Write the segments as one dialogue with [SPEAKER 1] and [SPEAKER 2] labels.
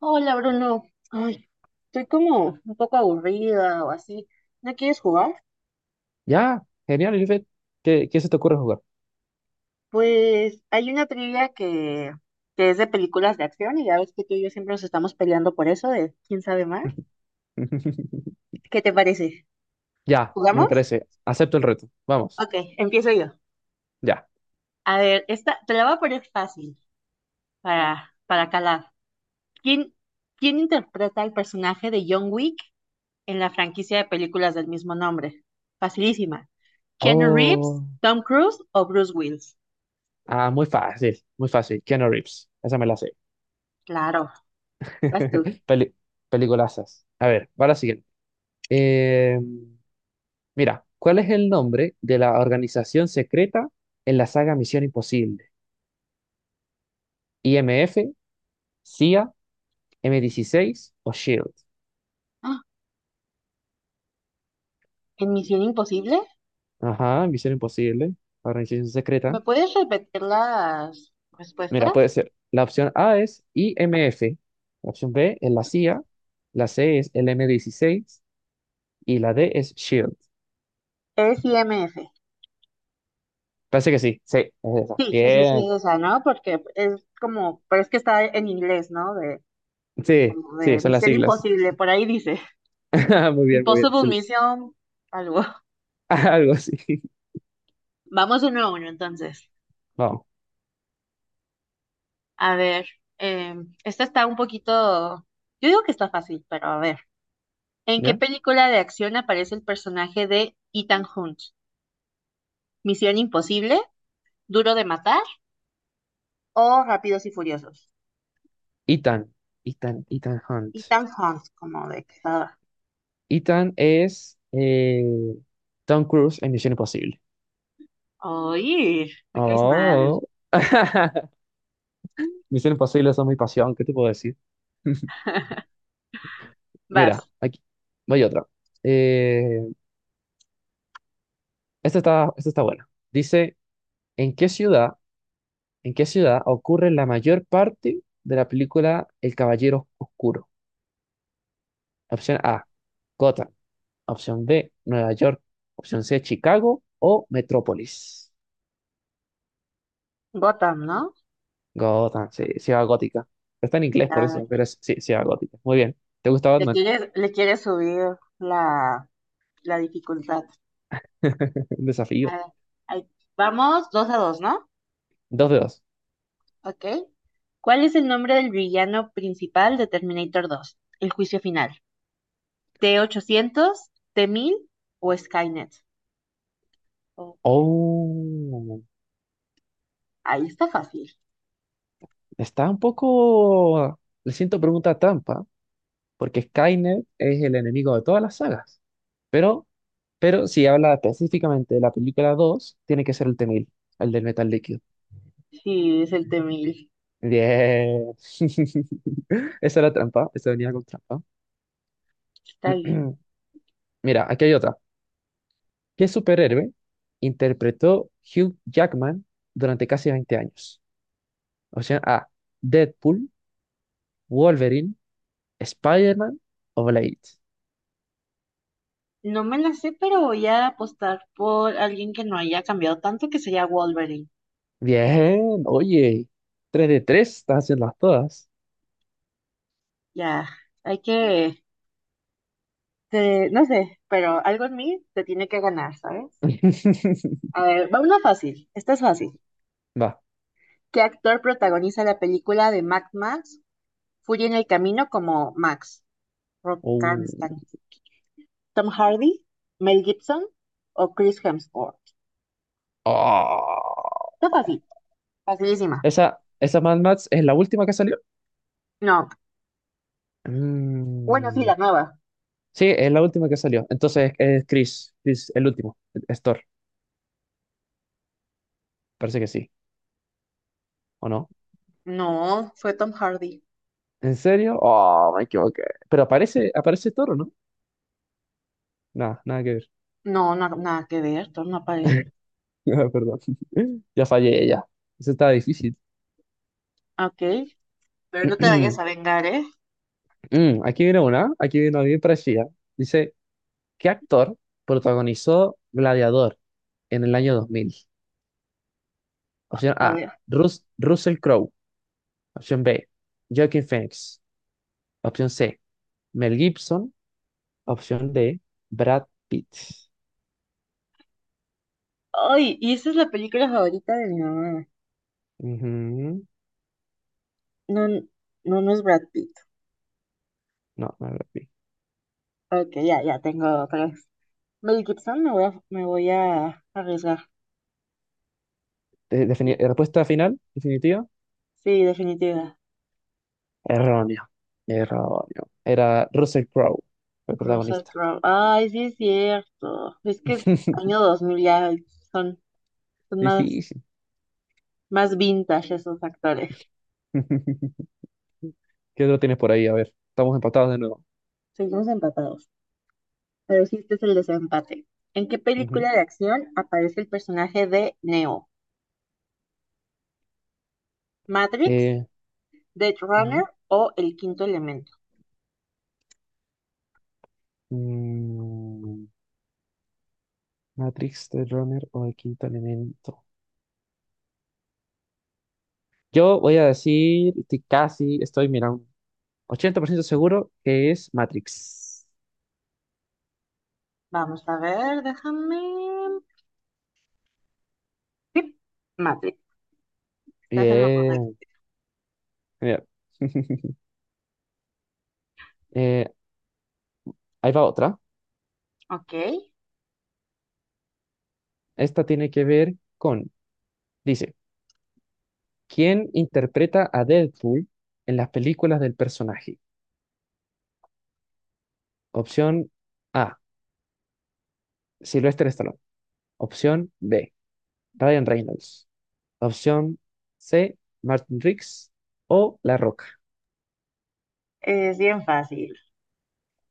[SPEAKER 1] Hola Bruno, ay, estoy como un poco aburrida o así. ¿No quieres jugar?
[SPEAKER 2] Ya, genial, Elifet. ¿Qué se te ocurre jugar?
[SPEAKER 1] Pues hay una trivia que es de películas de acción y ya ves que tú y yo siempre nos estamos peleando por eso de quién sabe más. ¿Qué te parece?
[SPEAKER 2] Ya, me
[SPEAKER 1] ¿Jugamos?
[SPEAKER 2] parece. Acepto el reto. Vamos,
[SPEAKER 1] Ok, empiezo yo.
[SPEAKER 2] ya.
[SPEAKER 1] A ver, esta te la voy a poner fácil para calar. ¿Quién, quién interpreta el personaje de John Wick en la franquicia de películas del mismo nombre? Facilísima. ¿Keanu Reeves,
[SPEAKER 2] Oh,
[SPEAKER 1] Tom Cruise o Bruce Willis?
[SPEAKER 2] muy fácil, muy fácil. Keanu Reeves. Esa me la sé.
[SPEAKER 1] Claro. Vas tú.
[SPEAKER 2] Peli- peliculazas. A ver, va la siguiente. Eh, mira, ¿cuál es el nombre de la organización secreta en la saga Misión Imposible? IMF, CIA, M16 o SHIELD.
[SPEAKER 1] ¡Ah! ¿En Misión Imposible?
[SPEAKER 2] Ajá, Misión Imposible, organización
[SPEAKER 1] ¿Me
[SPEAKER 2] secreta.
[SPEAKER 1] puedes repetir las
[SPEAKER 2] Mira,
[SPEAKER 1] respuestas?
[SPEAKER 2] puede ser. La opción A es IMF, la opción B es la CIA, la C es el M16 y la D es SHIELD.
[SPEAKER 1] Es IMF.
[SPEAKER 2] Parece que sí, sí, es esa.
[SPEAKER 1] Sí, sí, sí, sí,
[SPEAKER 2] Bien,
[SPEAKER 1] es esa, ¿no? Porque es como, pero es que está en inglés, ¿no? De,
[SPEAKER 2] sí,
[SPEAKER 1] como
[SPEAKER 2] sí,
[SPEAKER 1] de
[SPEAKER 2] son las
[SPEAKER 1] Misión
[SPEAKER 2] siglas.
[SPEAKER 1] Imposible, por ahí dice.
[SPEAKER 2] Muy bien,
[SPEAKER 1] Impossible
[SPEAKER 2] excelente.
[SPEAKER 1] Mission, algo.
[SPEAKER 2] Algo así.
[SPEAKER 1] Vamos 1-1, entonces.
[SPEAKER 2] Vamos,
[SPEAKER 1] A ver, eh, esta está un poquito, yo digo que está fácil, pero a ver. ¿En qué
[SPEAKER 2] ¿ya?
[SPEAKER 1] película de acción aparece el personaje de Ethan Hunt? ¿Misión Imposible? ¿Duro de matar o Rápidos y Furiosos?
[SPEAKER 2] Ethan, Ethan Hunt.
[SPEAKER 1] Ethan Hunt como de cazador.
[SPEAKER 2] Ethan es Tom Cruise en Misión Imposible.
[SPEAKER 1] Oye, me caes mal.
[SPEAKER 2] Oh. Misión Imposible, eso es mi pasión, ¿qué te puedo decir? Mira,
[SPEAKER 1] Vas.
[SPEAKER 2] aquí voy otra. Eh, esta está buena. Dice, ¿en qué ciudad, en qué ciudad ocurre la mayor parte de la película El Caballero Oscuro? Opción A, Gotham. Opción B, Nueva York. Opción C, Chicago o Metrópolis.
[SPEAKER 1] Gotham, ¿no?
[SPEAKER 2] Gotham, sí, ciudad gótica. Pero está en inglés por
[SPEAKER 1] Ya,
[SPEAKER 2] eso, pero es, sí, ciudad gótica. Muy bien. ¿Te gusta
[SPEAKER 1] le
[SPEAKER 2] Batman?
[SPEAKER 1] quieres, le quieres subir la dificultad.
[SPEAKER 2] Un
[SPEAKER 1] A
[SPEAKER 2] desafío.
[SPEAKER 1] ver, ahí- vamos, 2-2, ¿no?
[SPEAKER 2] Dos de dos.
[SPEAKER 1] Ok. ¿Cuál es el nombre del villano principal de Terminator 2, El juicio final? ¿T-800, T-1000 o Skynet? Oh,
[SPEAKER 2] Oh,
[SPEAKER 1] ahí está fácil.
[SPEAKER 2] está un poco... Le siento pregunta trampa, porque Skynet es el enemigo de todas las sagas. Pero, pero si habla específicamente de la película 2, tiene que ser el T-1000, el del metal líquido.
[SPEAKER 1] Sí, es el T-1000.
[SPEAKER 2] Bien. Esa era trampa, esa venía con trampa.
[SPEAKER 1] Está bien.
[SPEAKER 2] Mira, aquí hay otra. ¿Qué superhéroe interpretó Hugh Jackman durante casi 20 años? Opción A, Deadpool, Wolverine, Spider-Man o Blade.
[SPEAKER 1] No me la sé, pero voy a apostar por alguien que no haya cambiado tanto, que sería Wolverine.
[SPEAKER 2] Bien, oye, 3 de 3, estás haciendo todas.
[SPEAKER 1] Ya, hay que, no sé, pero algo en mí te tiene que ganar, ¿sabes? A ver, va una fácil, esta es fácil.
[SPEAKER 2] Va,
[SPEAKER 1] ¿Qué actor protagoniza la película de Mad Max, Furia en el Camino como Max? Rob
[SPEAKER 2] Uh,
[SPEAKER 1] Karnstein. ¿Tom Hardy, Mel Gibson o Chris Hemsworth?
[SPEAKER 2] ah.
[SPEAKER 1] Está fácil, facilísima.
[SPEAKER 2] Esa Mad Max es la última que salió.
[SPEAKER 1] No, bueno, sí,
[SPEAKER 2] Mm,
[SPEAKER 1] la nueva.
[SPEAKER 2] sí, es la última que salió. Entonces es Chris, el último, es Thor. Parece que sí, ¿o no?
[SPEAKER 1] No, fue Tom Hardy.
[SPEAKER 2] ¿En serio? Oh, me equivoqué. Pero aparece Thor, ¿o no? Nada, nada que ver.
[SPEAKER 1] No, no, nada que ver, Tom no aparece.
[SPEAKER 2] Perdón. Ya fallé, ya. Eso estaba difícil.
[SPEAKER 1] Ok. Pero no te vayas a vengar, ¿eh?
[SPEAKER 2] Mm, aquí viene una bien parecida. Dice, ¿qué actor protagonizó Gladiador en el año 2000? Opción
[SPEAKER 1] A
[SPEAKER 2] A,
[SPEAKER 1] ver.
[SPEAKER 2] Russell Crowe. Opción B, Joaquin Phoenix. Opción C, Mel Gibson. Opción D, Brad Pitt.
[SPEAKER 1] Ay, y esa es la película favorita de mi mamá.
[SPEAKER 2] Ujú.
[SPEAKER 1] No, no, no es Brad Pitt.
[SPEAKER 2] No, no Brad Pitt.
[SPEAKER 1] Ok, ya, ya tengo tres. Mel Gibson, me voy a arriesgar.
[SPEAKER 2] Respuesta final, definitiva.
[SPEAKER 1] Sí, definitiva.
[SPEAKER 2] Erróneo. Erróneo. Era Russell Crowe, el
[SPEAKER 1] Russell
[SPEAKER 2] protagonista.
[SPEAKER 1] Crowe. Ay, sí es cierto. Es que el año 2000 ya son, son más,
[SPEAKER 2] Difícil.
[SPEAKER 1] más vintage esos actores.
[SPEAKER 2] ¿Qué otro tienes por ahí? A ver, estamos empatados de nuevo.
[SPEAKER 1] Seguimos empatados. Pero sí, este es el desempate. ¿En qué
[SPEAKER 2] Ujú.
[SPEAKER 1] película de acción aparece el personaje de Neo? ¿Matrix,
[SPEAKER 2] Eh,
[SPEAKER 1] Dead Runner
[SPEAKER 2] ujú.
[SPEAKER 1] o El Quinto Elemento?
[SPEAKER 2] Mm, Matrix, The Runner o El Quinto Elemento. Yo voy a decir, estoy casi, estoy mirando 80% seguro que es Matrix.
[SPEAKER 1] Vamos a ver, déjame. Sí, Matrix. Estás en lo correcto.
[SPEAKER 2] Bien, genial. Eh, ahí va otra.
[SPEAKER 1] Ok.
[SPEAKER 2] Esta tiene que ver con, dice, ¿quién interpreta a Deadpool en las películas del personaje? Opción A, Sylvester Stallone. Opción B, Ryan Reynolds. Opción C, Martin Riggs o La Roca.
[SPEAKER 1] Es bien fácil.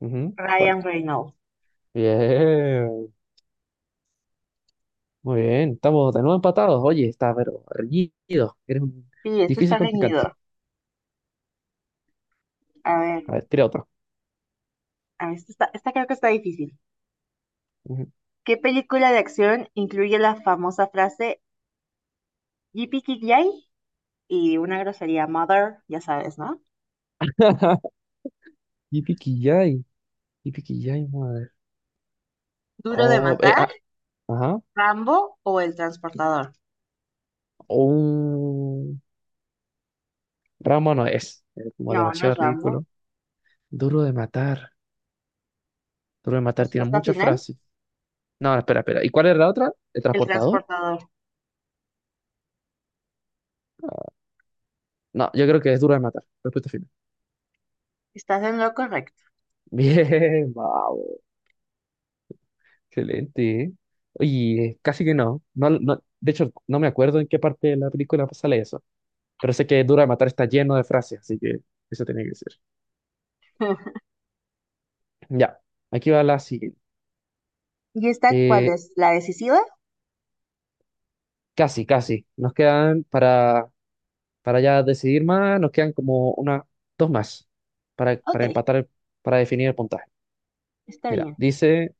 [SPEAKER 2] Ujú, ¿cuál?
[SPEAKER 1] Ryan Reynolds.
[SPEAKER 2] Bien, muy bien. Estamos de nuevo empatados. Oye, está pero reñido. Eres un
[SPEAKER 1] Sí, esto
[SPEAKER 2] difícil
[SPEAKER 1] está
[SPEAKER 2] contrincante.
[SPEAKER 1] reñido. A ver,
[SPEAKER 2] A ver, tira otra.
[SPEAKER 1] a ver, esta creo que está difícil.
[SPEAKER 2] Ujú.
[SPEAKER 1] ¿Qué película de acción incluye la famosa frase "yippee Ki Yay" y una grosería mother, ya sabes, ¿no?
[SPEAKER 2] Yipiquillay. Yipiquillay, madre.
[SPEAKER 1] ¿Duro de
[SPEAKER 2] Oh, eh,
[SPEAKER 1] matar,
[SPEAKER 2] ah, ajá.
[SPEAKER 1] Rambo o El Transportador?
[SPEAKER 2] Un ramo no es. Es como
[SPEAKER 1] No, no
[SPEAKER 2] demasiado
[SPEAKER 1] es Rambo.
[SPEAKER 2] ridículo. Duro de matar. Duro de matar tiene
[SPEAKER 1] Respuesta
[SPEAKER 2] muchas
[SPEAKER 1] final,
[SPEAKER 2] frases. No, espera, espera. ¿Y cuál era la otra? ¿El
[SPEAKER 1] El
[SPEAKER 2] transportador?
[SPEAKER 1] Transportador.
[SPEAKER 2] No, yo creo que es duro de matar. Respuesta final.
[SPEAKER 1] Estás en lo correcto.
[SPEAKER 2] Bien, vamos. Excelente, ¿eh? Oye, casi que no. No, no. De hecho, no me acuerdo en qué parte de la película sale eso. Pero sé que duro de matar está lleno de frases, así que eso tenía que ser. Ya, aquí va la siguiente.
[SPEAKER 1] ¿Y esta cuál
[SPEAKER 2] Eh,
[SPEAKER 1] es? ¿La decisiva?
[SPEAKER 2] casi, casi. Nos quedan para ya decidir más, nos quedan como una, dos más para,
[SPEAKER 1] Ok,
[SPEAKER 2] para empatar, para, definir el puntaje.
[SPEAKER 1] está
[SPEAKER 2] Mira,
[SPEAKER 1] bien.
[SPEAKER 2] dice,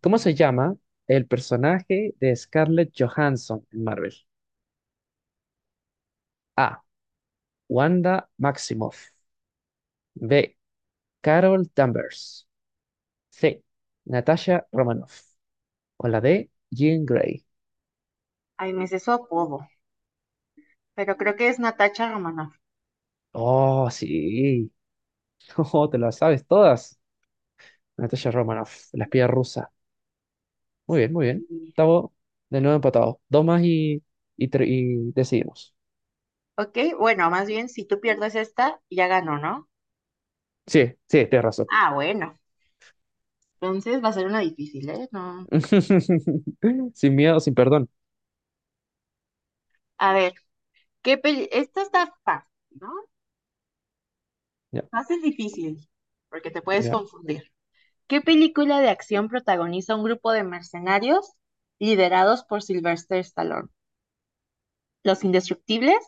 [SPEAKER 2] ¿cómo se llama el personaje de Scarlett Johansson en Marvel? A. Wanda Maximoff. B. Carol Danvers. C. Natasha Romanoff. O la D. Jean Grey.
[SPEAKER 1] Ay, me sé su apodo, pero creo que es Natacha Romanoff.
[SPEAKER 2] Oh, sí. Oh, te las sabes todas. Natasha Romanoff, la espía rusa. Muy bien, muy bien.
[SPEAKER 1] Y-
[SPEAKER 2] Estamos de nuevo empatados. Dos más y decidimos.
[SPEAKER 1] Ok, bueno, más bien si tú pierdes esta, ya ganó, ¿no?
[SPEAKER 2] Sí, sí, tienes razón.
[SPEAKER 1] Ah, bueno. Entonces va a ser una difícil, ¿eh? No.
[SPEAKER 2] Sin miedo, sin perdón.
[SPEAKER 1] A ver, esta está fácil, ¿no?
[SPEAKER 2] Ya,
[SPEAKER 1] Fácil difícil, porque te puedes
[SPEAKER 2] ya.
[SPEAKER 1] confundir. ¿Qué película de acción protagoniza un grupo de mercenarios liderados por Sylvester Stallone? ¿Los Indestructibles,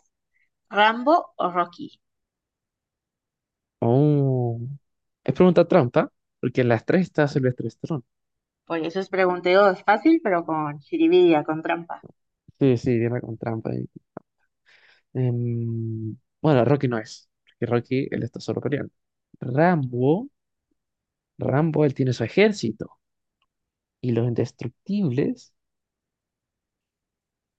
[SPEAKER 1] Rambo o Rocky?
[SPEAKER 2] Oh. Es pregunta trampa, porque en las tres está Silvestre Stallone.
[SPEAKER 1] Oye, eso es pregunteo fácil, pero con jiribilla, con trampa.
[SPEAKER 2] Sí, sí, viene con trampa ahí. Bueno, Rocky no es, porque Rocky él está solo peleando. Rambo, Rambo él tiene su ejército y los indestructibles.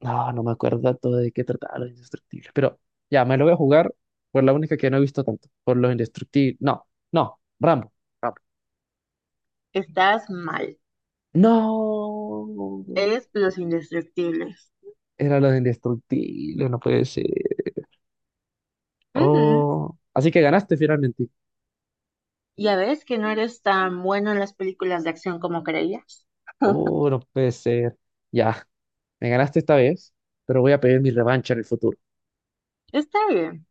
[SPEAKER 2] No, no me acuerdo tanto de qué trataba los indestructibles. Pero ya, me lo voy a jugar por la única que no he visto tanto. Por los indestructibles. No, no, Rambo. Rambo.
[SPEAKER 1] Estás mal.
[SPEAKER 2] No.
[SPEAKER 1] Eres los indestructibles.
[SPEAKER 2] Era los indestructibles, no puede ser.
[SPEAKER 1] Ujú.
[SPEAKER 2] Oh. Así que ganaste finalmente.
[SPEAKER 1] Ya ves que no eres tan bueno en las películas de acción como creías.
[SPEAKER 2] Oh, no puede ser. Ya, me ganaste esta vez, pero voy a pedir mi revancha en el futuro.
[SPEAKER 1] Está bien.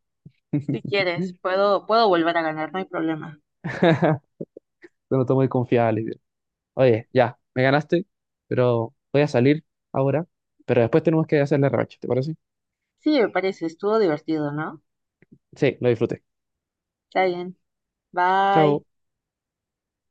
[SPEAKER 1] Si quieres, puedo volver a ganar, no hay problema.
[SPEAKER 2] No estoy muy confiado, Olivia. Oye, ya, me ganaste, pero voy a salir ahora. Pero después tenemos que hacer la revancha, ¿te parece?
[SPEAKER 1] Sí, me parece, estuvo divertido, ¿no?
[SPEAKER 2] Sí, lo disfruté.
[SPEAKER 1] Está bien. Bye.
[SPEAKER 2] Chao.